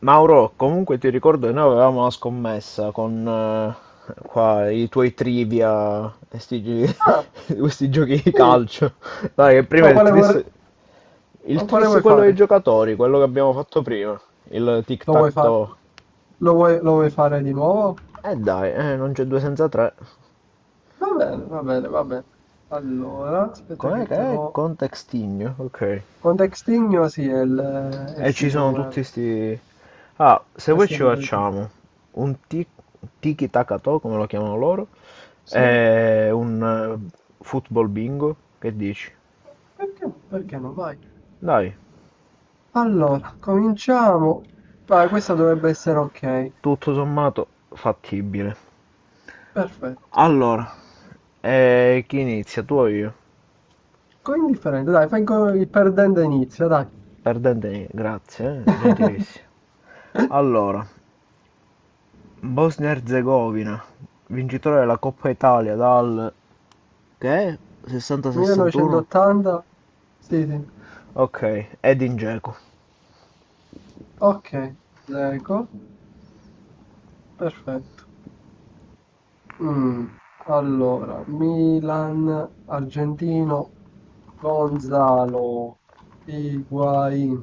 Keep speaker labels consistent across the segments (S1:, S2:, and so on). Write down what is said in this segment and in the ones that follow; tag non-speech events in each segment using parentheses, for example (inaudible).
S1: Mauro, comunque ti ricordo che noi avevamo una scommessa con qua, i tuoi trivia, e
S2: Ah,
S1: (laughs) questi giochi di
S2: sì,
S1: calcio. Dai, che prima
S2: ma quale,
S1: il
S2: ma quale
S1: tris
S2: vuoi
S1: quello dei
S2: fare?
S1: giocatori, quello che abbiamo fatto prima, il
S2: Lo vuoi fare?
S1: tic-tac-toe.
S2: Lo vuoi fare di nuovo?
S1: Dai, non c'è due senza tre.
S2: Va bene, va bene, va bene. Allora, aspetta
S1: Com'è
S2: che
S1: che
S2: te
S1: è?
S2: lo...
S1: Contextigno, ok.
S2: Contextinio, sì, è il
S1: E ci
S2: sito
S1: sono
S2: web.
S1: tutti sti. Ah, se poi
S2: Questa è la
S1: ci
S2: modalità.
S1: facciamo un ti- tiki taka toe, come lo chiamano loro,
S2: Sì?
S1: e un football bingo, che dici?
S2: Perché no? Vai.
S1: Dai,
S2: Allora, cominciamo. Vai, questa dovrebbe essere ok.
S1: tutto sommato fattibile.
S2: Perfetto.
S1: Allora, chi inizia? Tu o io?
S2: Con indifferente, dai, il perdente inizia, dai.
S1: Perdente, grazie, gentilissimo.
S2: (laughs)
S1: Allora, Bosnia-Herzegovina, vincitore della Coppa Italia dal, che è, 60-61?
S2: 1980? Sì, sì.
S1: Ok, Edin Dzeko.
S2: Ok, leggo. Perfetto. Mm, Allora, Milan, argentino, Gonzalo, Higuain.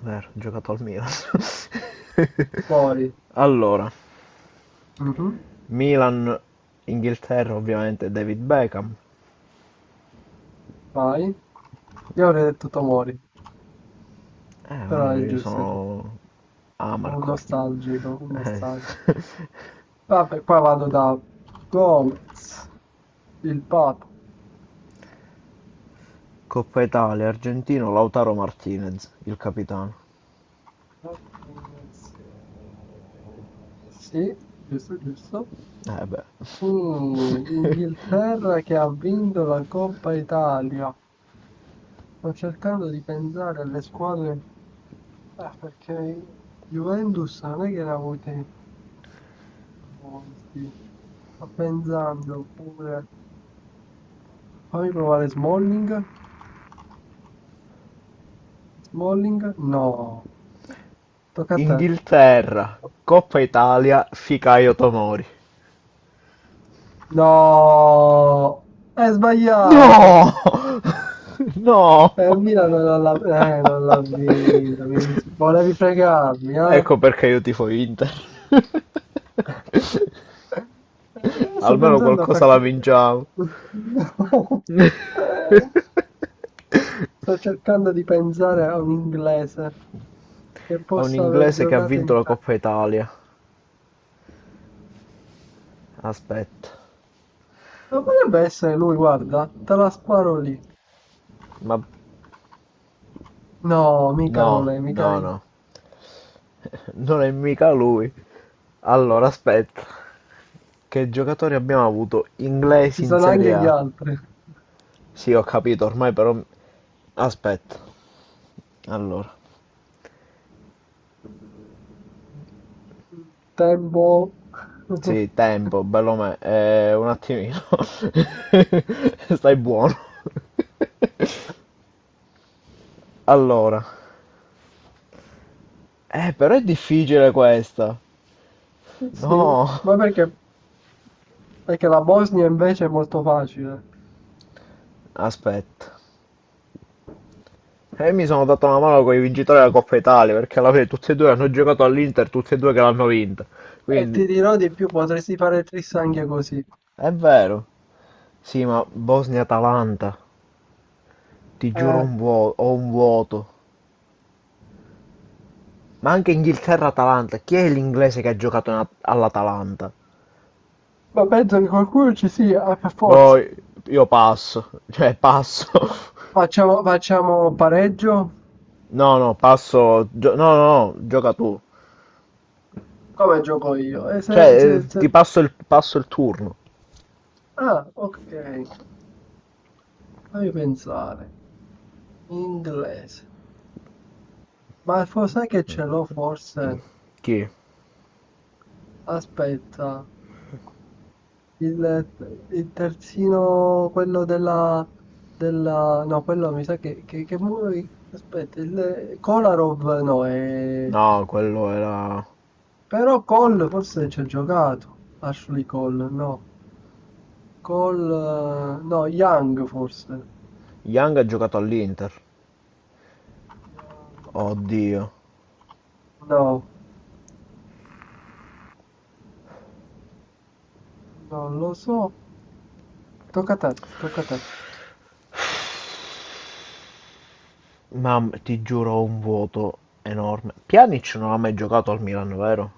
S1: Vero, ha giocato al Milan.
S2: Poi,
S1: (laughs) Allora,
S2: mhm,
S1: Milan, Inghilterra ovviamente David Beckham.
S2: vai. Io avrei detto Tomori,
S1: Eh,
S2: però
S1: ma
S2: è
S1: io
S2: giusto.
S1: sono
S2: Un
S1: Amarcord.
S2: nostalgico,
S1: (laughs)
S2: un
S1: Eh.
S2: nostalgico. Vabbè, qua vado da Gomez, il Papa.
S1: Coppa Italia, Argentino, Lautaro Martinez, il capitano.
S2: Sì, giusto.
S1: Eh beh.
S2: Inghilterra che ha vinto la Coppa Italia. Sto cercando di pensare alle squadre, perché Juventus non è che ne ha avute molti. Sto pensando pure. Fammi provare Smalling. Smalling? No. Tocca a te.
S1: Inghilterra, Coppa Italia, Ficaio Tomori.
S2: No! È sbagliato!
S1: No! (laughs)
S2: Il
S1: No!
S2: Milan non l'ha vinto. Volevi fregarmi, eh?
S1: Ecco perché io tifo Inter.
S2: Sto
S1: Almeno
S2: pensando a
S1: qualcosa la
S2: qualche...
S1: vinciamo.
S2: (laughs) Eh, sto cercando di pensare a un inglese che
S1: A un
S2: possa aver
S1: inglese che ha
S2: giocato in
S1: vinto la
S2: Italia.
S1: Coppa Italia. Aspetta,
S2: Non potrebbe essere lui, guarda, te la sparo lì.
S1: ma
S2: No, mica non
S1: no,
S2: è, mica
S1: no,
S2: lì.
S1: no, non è mica lui. Allora, aspetta, che giocatori abbiamo avuto
S2: Ci
S1: inglesi in
S2: sono
S1: Serie
S2: anche gli
S1: A?
S2: altri.
S1: Sì, ho capito, ormai però. Aspetta, allora,
S2: Tempo. (laughs)
S1: sì, tempo, bello me, un attimino, (laughs) stai buono. (laughs) Allora, però è difficile questa.
S2: Sì,
S1: No,
S2: ma perché? Perché la Bosnia invece è molto facile.
S1: aspetta. E io mi sono dato una mano con i vincitori della Coppa Italia, perché alla fine tutti e due hanno giocato all'Inter, tutti e due che l'hanno vinta.
S2: E
S1: Quindi,
S2: ti dirò di più, potresti fare tris anche così.
S1: è vero. Sì, ma Bosnia-Atalanta, ti giuro
S2: Eh,
S1: ho un vuoto. Ma anche Inghilterra-Atalanta, chi è l'inglese che ha giocato all'Atalanta?
S2: ma penso che qualcuno ci sia, per forza.
S1: Boh, io passo, cioè passo. (laughs)
S2: Facciamo pareggio?
S1: No, no, passo. No, no, no, gioca tu.
S2: Come gioco io? E
S1: Cioè, ti passo il turno.
S2: Ah, ok. Fammi pensare. Inglese. Sai che ce l'ho forse?
S1: Chi?
S2: Aspetta. Il terzino, quello della... della... No, quello mi sa che... Aspetta, il... Kolarov no, è...
S1: No, quello era.
S2: Però Cole forse ci ha giocato. Ashley Cole, no. Cole... No, Young forse.
S1: Young ha giocato all'Inter. Oddio,
S2: No, non lo so. Tocca a te.
S1: ma ti giuro ho un vuoto enorme. Pjanic non ha mai giocato al Milan, vero?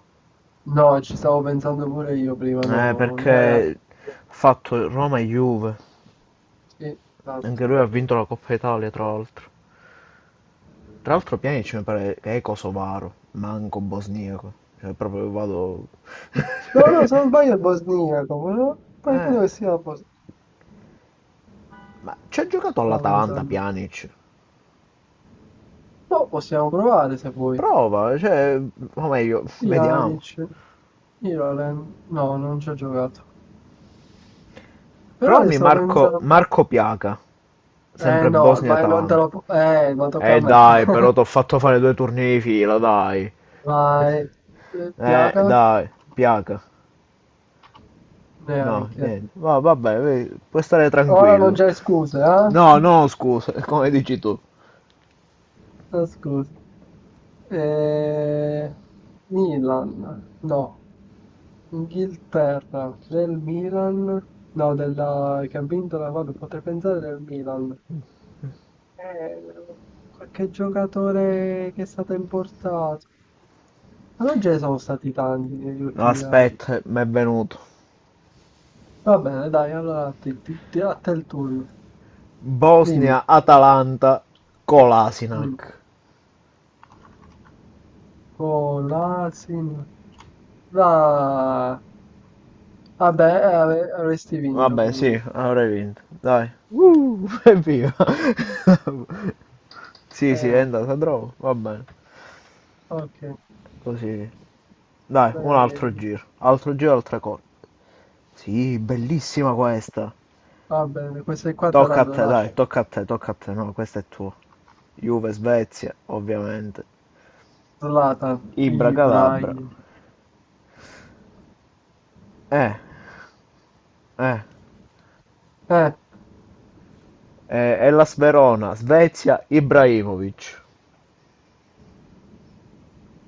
S2: No, ci stavo pensando pure io prima, no,
S1: Eh,
S2: no, non era...
S1: perché ha fatto Roma e Juve.
S2: Sì,
S1: Anche lui ha
S2: esatto.
S1: vinto la Coppa Italia, tra l'altro. Tra l'altro Pjanic mi pare che è kosovaro, manco bosniaco. Cioè, proprio vado.
S2: No, no, se non
S1: (laughs)
S2: sbaglio è bosniaco, però poi credo che
S1: Eh,
S2: sia la Bosnia.
S1: ma ci ha giocato
S2: Stavo
S1: all'Atalanta
S2: pensando.
S1: Pjanic.
S2: No, possiamo provare se vuoi.
S1: Prova, cioè. O meglio, (laughs) vediamo.
S2: Pjanic, Irolen. No, non ci ho giocato. Però io
S1: Provami
S2: stavo
S1: Marco,
S2: pensando...
S1: Marco Piaca,
S2: Eh
S1: sempre
S2: no, vai, non te
S1: Bosnia-Atalanta.
S2: lo... ma tocca a me.
S1: Dai, però t'ho
S2: (laughs)
S1: fatto fare due turni di fila, dai.
S2: Vai. Piaga?
S1: Dai, piaca. No,
S2: Neanche.
S1: niente. Vabbè, vedi, puoi stare
S2: Ora non
S1: tranquillo.
S2: c'è scuse, eh?
S1: No, no, scusa, (laughs) come dici tu.
S2: Ascolta, eh, Milan, no, Inghilterra, del Milan, no, della, che ha vinto la, vabbè, potrei pensare del Milan, eh, qualche giocatore che è stato importato, ma non ce ne sono stati tanti negli
S1: No,
S2: ultimi anni,
S1: aspetta, mi è venuto.
S2: va bene, dai, allora a te, a te il turno, dimmi,
S1: Bosnia-Atalanta con
S2: mm.
S1: l'Asinac.
S2: Oh, l'Asin, la... vabbè, avresti vinto
S1: Vabbè, sì,
S2: comunque,
S1: avrei vinto. Dai. Evviva. (laughs) Sì, sì, è
S2: eh,
S1: andata troppo. Va bene,
S2: ok.
S1: così. Dai, un altro
S2: Eh,
S1: giro. Altro giro, altra cosa. Sì, bellissima questa.
S2: va bene, queste qua te la
S1: Tocca a te, dai,
S2: lascio.
S1: tocca a te, tocca a te. No, questo è tuo. Juve, Svezia, ovviamente.
S2: Zlatan,
S1: Ibra Calabra.
S2: Ibrahim.
S1: Eh, eh.
S2: Eh,
S1: Hellas Verona, Svezia, Ibrahimovic.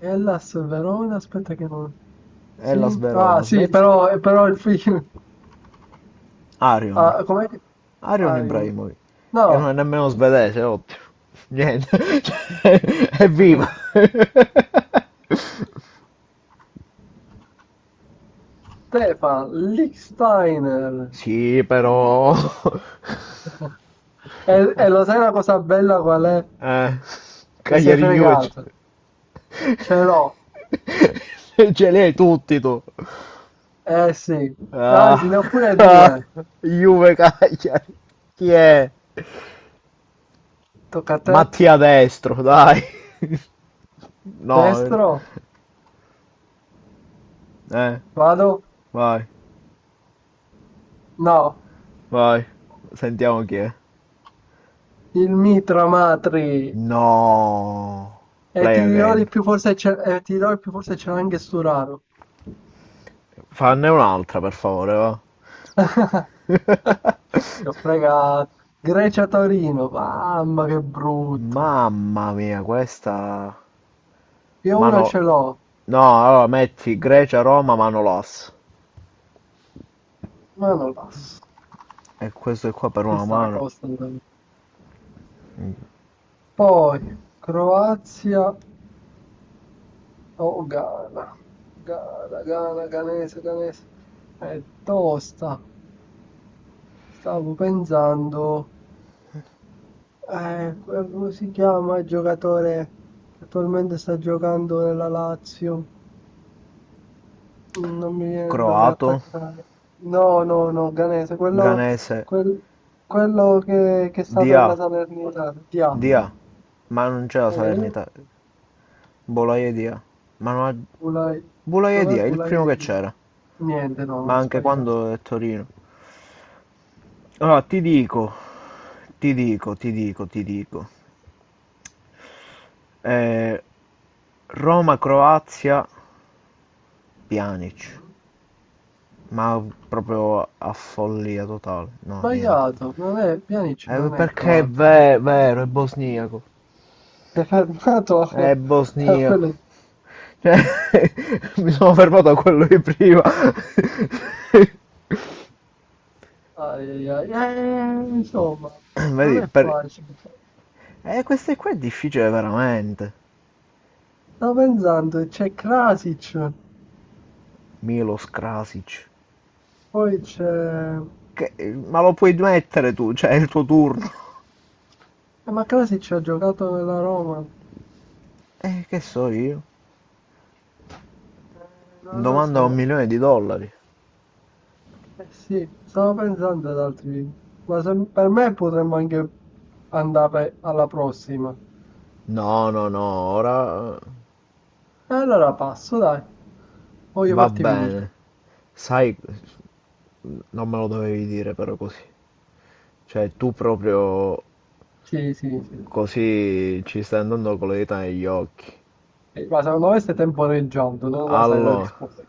S2: Hellas Verona, aspetta che non...
S1: Hellas
S2: Sì? Ah,
S1: Verona,
S2: sì,
S1: Svezia,
S2: però, però il film...
S1: Arion.
S2: Ah, com'è che...
S1: Arion
S2: Arion.
S1: Ibrahimovic. Che non
S2: No.
S1: è nemmeno svedese, ottimo. Niente. (laughs) È viva.
S2: (laughs)
S1: (laughs)
S2: Stefan, Lichtsteiner.
S1: Sì, però.
S2: (laughs) E, e lo sai la cosa bella qual è?
S1: Eh,
S2: Che sei
S1: Cagliari Juve. (laughs) Ce
S2: fregato. Ce l'ho.
S1: li hai tutti tu.
S2: Eh sì. Anzi,
S1: Ah,
S2: ne ho pure
S1: (laughs) ah,
S2: due.
S1: Juve Cagliari. Chi è?
S2: Tocca a te.
S1: Mattia Destro, dai. No,
S2: Destro.
S1: eh,
S2: Vado.
S1: vai,
S2: No.
S1: vai. Sentiamo chi è.
S2: Il mitra matri.
S1: No.
S2: E
S1: Play
S2: ti dirò
S1: again.
S2: di più, forse c'è, e ti dirò di più, forse c'era anche Sturaro.
S1: Fanne un'altra, per favore, va.
S2: (laughs) Ti ho fregato. Grecia-Torino, mamma che brutto.
S1: Mamma mia, questa.
S2: Io uno
S1: Mano.
S2: ce l'ho,
S1: No, allora metti Grecia, Roma, Manolas.
S2: ma non passo.
S1: E questo è qua per
S2: Ci
S1: una
S2: sta,
S1: mano.
S2: Costanzo. Poi, Croazia o Ghana. Ghana, Ghanese. È tosta. Stavo pensando... come si chiama il giocatore che attualmente sta giocando nella Lazio? Mm, non mi viene il nome
S1: Croato,
S2: attaccare. No, no, no, Ganese,
S1: Ganese,
S2: quel- quello che è stato nella
S1: Dia,
S2: Salernitana. Dia.
S1: Dia. Ma non c'è la
S2: Vedi?
S1: Salernitana. Bolaiedea. Ma non
S2: Bulai. Dov'è
S1: Bolaiedea, il primo che
S2: Bulai?
S1: c'era,
S2: Niente, no,
S1: ma
S2: ho
S1: anche
S2: sbagliato.
S1: quando è Torino. Allora, ti dico, ti dico, ti dico, ti dico. Eh, Roma-Croazia, Pjanic. Ma proprio a follia totale. No, niente.
S2: Sbagliato, non è, Pjanic
S1: Eh,
S2: non è
S1: perché è
S2: croato.
S1: vero, è bosniaco.
S2: Si è fermato a,
S1: È
S2: a
S1: bosniaco.
S2: quelle...
S1: Cioè, (laughs) mi sono fermato a quello di prima. (laughs)
S2: Ai, ai, ai. Insomma, non
S1: Vedi,
S2: è
S1: per.
S2: facile.
S1: Questo qua è difficile veramente.
S2: Stavo pensando, c'è Krasic,
S1: Milos Krasic.
S2: poi c'è... eh,
S1: Ma lo puoi mettere tu, cioè è il tuo turno.
S2: ma Krasic ha giocato nella Roma?
S1: Che so io?
S2: Non lo
S1: Domanda un
S2: so.
S1: milione di dollari.
S2: Eh sì, stavo pensando ad altri. Per me potremmo anche andare alla prossima.
S1: No, no, no, ora
S2: E allora passo, dai. Voglio
S1: va
S2: farti vincere.
S1: bene. Sai, non me lo dovevi dire però così. Cioè, tu proprio
S2: Sì, sì, sì.
S1: così ci stai andando con le dita negli occhi.
S2: Sì, ma secondo me stai temporeggiando, non la sai la
S1: Allora,
S2: risposta.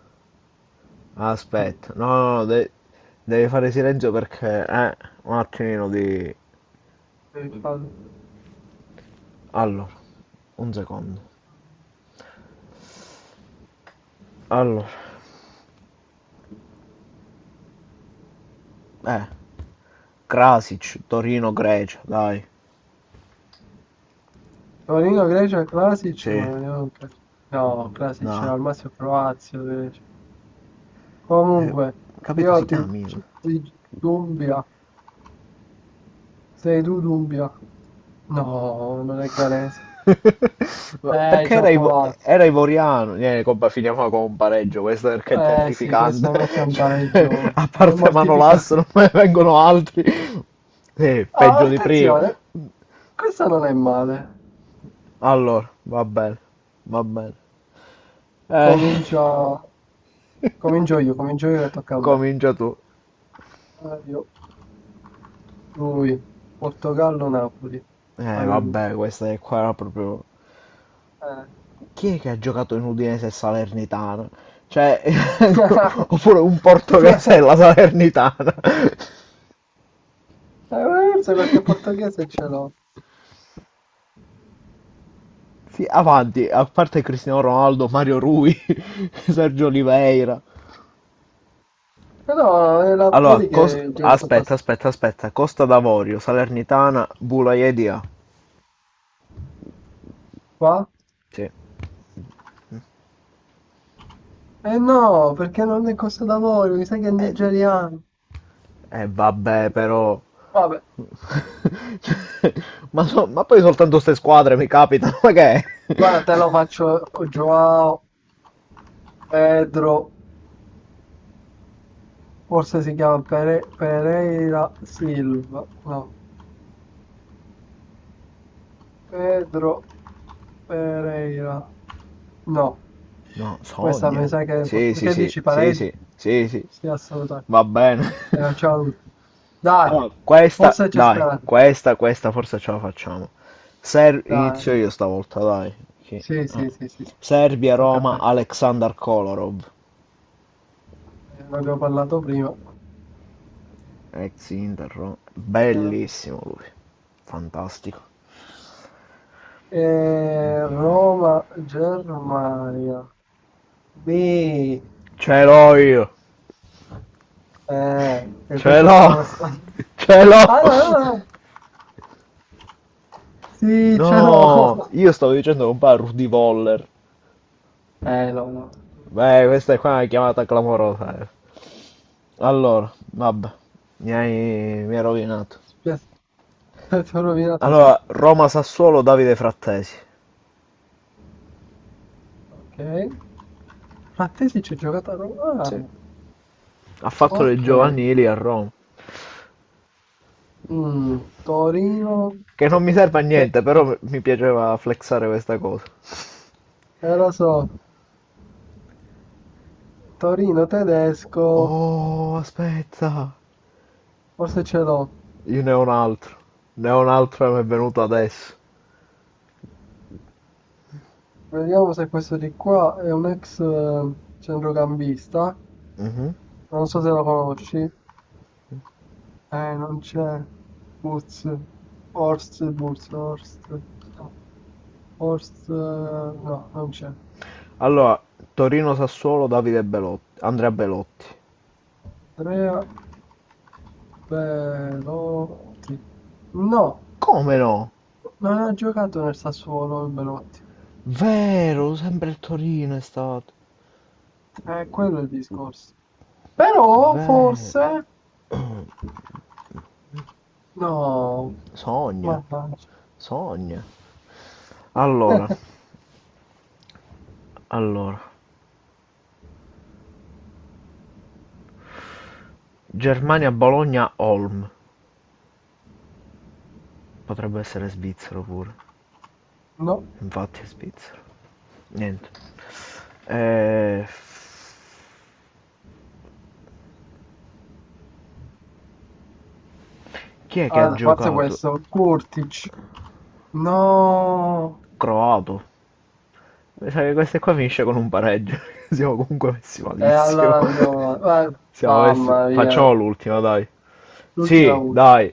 S2: Mm.
S1: aspetta. No, no, no, devi fare silenzio perché. Un attimino di.
S2: Eh, fa-
S1: Allora, un secondo. Allora, eh, Krasic, Torino-Grecia, dai.
S2: Torino, Grecia, Krasic, ma
S1: Sì.
S2: no, Krasic
S1: No,
S2: al massimo Croazia, comunque,
S1: ho capito, si
S2: io ti,
S1: chiami.
S2: Dumbia, sei tu Dumbia? No, non è Canese.
S1: (laughs) Ma perché
S2: Ci ho
S1: era, ivo-
S2: provato.
S1: era ivoriano? Niente, compa, finiamo con un pareggio, questo perché è
S2: Eh sì,
S1: terrificante.
S2: questo è
S1: (laughs)
S2: un
S1: Cioè,
S2: pareggio.
S1: a
S2: È
S1: parte Manolas
S2: mortificante.
S1: non me ne vengono altri. Sì,
S2: Ah,
S1: peggio di prima.
S2: attenzione, questa non è male.
S1: Allora, va bene, va bene. Eh,
S2: Comincia... Comincio io che tocca a me.
S1: Comincia tu.
S2: Mario, lui, Portogallo, Napoli. Mario lui.
S1: Vabbè, questa è qua era proprio.
S2: Eh.
S1: Chi è che ha giocato in Udinese e Salernitana? Cioè, (laughs)
S2: (laughs)
S1: oppure un portoghese e la Salernitana. (laughs)
S2: Forse perché portoghese ce l'ho.
S1: Sì, avanti, a parte Cristiano Ronaldo, Mario Rui, (laughs) Sergio Oliveira.
S2: Però
S1: Allora,
S2: vedi che sono
S1: aspetta,
S2: passato
S1: aspetta, aspetta. Costa d'Avorio, Salernitana, Bulaiedija.
S2: qua?
S1: Sì.
S2: Eh no, perché non è cosa da voi, mi sa che è
S1: Di-
S2: nigeriano.
S1: eh, vabbè, però.
S2: Vabbè,
S1: (laughs) Cioè, ma poi soltanto queste squadre mi capitano, ma che è? (laughs)
S2: guarda, te lo faccio Joao Pedro, forse si chiama Pereira Silva. No, Pedro Pereira. No,
S1: No,
S2: questa mi
S1: sogna.
S2: sa che...
S1: Sì, sì,
S2: Perché
S1: sì,
S2: dici
S1: sì,
S2: pareggio?
S1: sì, sì, sì,
S2: Sì, assolutamente.
S1: va bene. (laughs)
S2: Ciao. Dai,
S1: Allora, questa,
S2: forse c'è
S1: dai,
S2: speranza.
S1: questa forse ce la facciamo. Ser-
S2: Dai.
S1: inizio io stavolta, dai. Sì.
S2: Sì, sì, sì, sì, sì. Tocca a
S1: Serbia-Roma
S2: te.
S1: Aleksandar Kolarov,
S2: Ne abbiamo parlato prima.
S1: ex Inter Roma.
S2: Eh,
S1: Bellissimo lui, fantastico.
S2: Roma, Germania. Beh,
S1: Ce l'ho io,
S2: e
S1: ce
S2: questa è
S1: l'ho,
S2: tosta.
S1: (laughs) ce
S2: Ah, no,
S1: l'ho.
S2: no, no. Sì, ce
S1: No,
S2: l'ho.
S1: io stavo dicendo con pa' Rudy Voller.
S2: No, no.
S1: Beh, questa è qua una chiamata clamorosa. Allora, vabbè, mi hai, mi hai rovinato.
S2: Spiace, ti ho rovinato, sì.
S1: Allora, Roma-Sassuolo Davide Frattesi.
S2: Ok. Frattesi ci ho giocato a Roma. Ah,
S1: Sì. Ha fatto le
S2: ok.
S1: giovanili a Roma.
S2: Mm, Torino.
S1: Che non mi serve a
S2: Eh,
S1: niente, però mi piaceva flexare questa cosa.
S2: lo so. Torino tedesco.
S1: Oh, aspetta,
S2: Forse ce l'ho.
S1: io ne ho un altro. Ne ho un altro che mi è venuto adesso.
S2: Vediamo se questo di qua è un ex centrocampista.
S1: Mhm.
S2: Non so se la conosci. Non c'è. Boots. Horst, Boots, Horst. No, Horst, no, non c'è.
S1: Allora, Torino-Sassuolo, Davide Belotti, Andrea Belotti.
S2: Andrea Belotti. No,
S1: Come no?
S2: non ha giocato nel Sassuolo il Belotti.
S1: Vero, sempre il Torino è stato.
S2: Quello è il discorso. Però,
S1: Vero.
S2: forse... No,
S1: Sogna,
S2: mannaggia.
S1: sogna. Allora,
S2: (laughs)
S1: allora, Germania-Bologna-Olm. Potrebbe essere svizzero pure.
S2: No.
S1: Infatti è svizzero. Niente. Eh, Chi è che ha
S2: Ah, forse
S1: giocato?
S2: questo. Kurtic. No.
S1: Croato. Mi sa che queste qua finisce con un pareggio. (laughs) Siamo comunque messi
S2: E
S1: malissimo.
S2: allora andiamo...
S1: (laughs) Siamo messi.
S2: Mamma mia.
S1: Facciamo l'ultima, dai.
S2: L'ultima
S1: Sì,
S2: ultima.
S1: dai.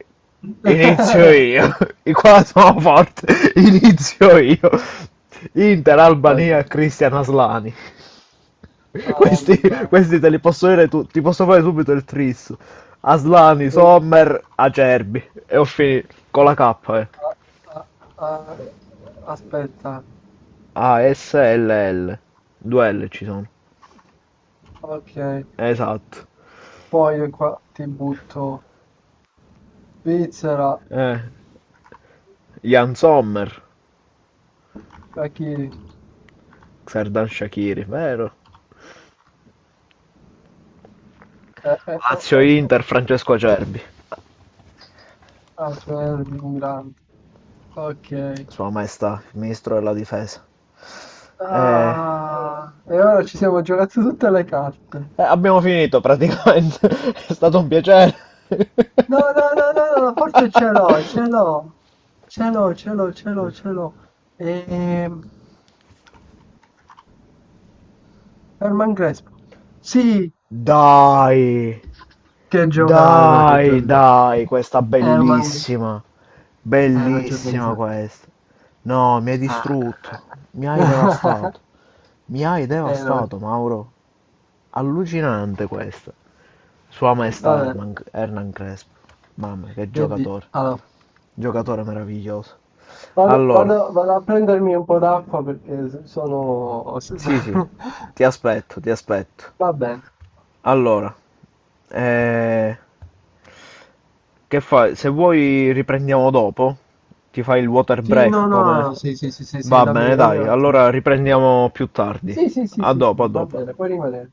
S1: Inizio
S2: (laughs)
S1: io. (laughs) I qua sono forte. (laughs) Inizio io. Inter,
S2: Ok.
S1: Albania, Cristian Aslani. (laughs)
S2: Ah,
S1: Questi,
S2: nulla.
S1: questi te li posso dire ti posso fare subito il tris. Aslani, Sommer, Acerbi. E ho finito. Con la K, eh.
S2: Ah, ah, ah. Aspetta.
S1: A, S, L, L. Due L ci sono.
S2: Ok.
S1: Esatto.
S2: Poi io qua ti butto Svizzera,
S1: Eh, Jan Sommer.
S2: Achille.
S1: Serdan Shakiri, vero?
S2: Eh, eh, eh, eh,
S1: Lazio-Inter,
S2: eh.
S1: Francesco Acerbi,
S2: Ah, Fermi, un grande. Ok.
S1: Sua Maestà, il Ministro della Difesa. Eh,
S2: Ah, e ora ci siamo giocati tutte le carte.
S1: abbiamo finito praticamente, (laughs) è stato un piacere.
S2: No,
S1: (laughs)
S2: no, no, no, no, no, forse ce l'ho, ce l'ho. Ce l'ho. Ehm, Herman Crespo. Sì,
S1: Dai,
S2: che giocata, che
S1: dai,
S2: giocata.
S1: dai, questa
S2: Herman,
S1: bellissima,
S2: non ci ho
S1: bellissima
S2: pensato.
S1: questa. No, mi hai
S2: Ah.
S1: distrutto,
S2: (laughs)
S1: mi hai
S2: No.
S1: devastato, Mauro. Allucinante questa. Sua Maestà
S2: Vabbè,
S1: Hernan Crespo. Mamma, che
S2: che di...
S1: giocatore.
S2: Allora,
S1: Giocatore meraviglioso. Allora,
S2: vado a prendermi un po' d'acqua perché sono...
S1: sì, sì,
S2: (laughs)
S1: ti aspetto, ti aspetto.
S2: Va bene.
S1: Allora, eh, che fai? Se vuoi riprendiamo dopo, ti fai il water
S2: Sì,
S1: break
S2: no, no,
S1: come.
S2: no, sì, sì, sì, sì, sì,
S1: Va
S2: dammi,
S1: bene,
S2: dammi un
S1: dai, allora
S2: attimo.
S1: riprendiamo più tardi.
S2: Sì, sì, sì,
S1: A
S2: sì,
S1: dopo, a
S2: sì, va
S1: dopo.
S2: bene, puoi rimanere.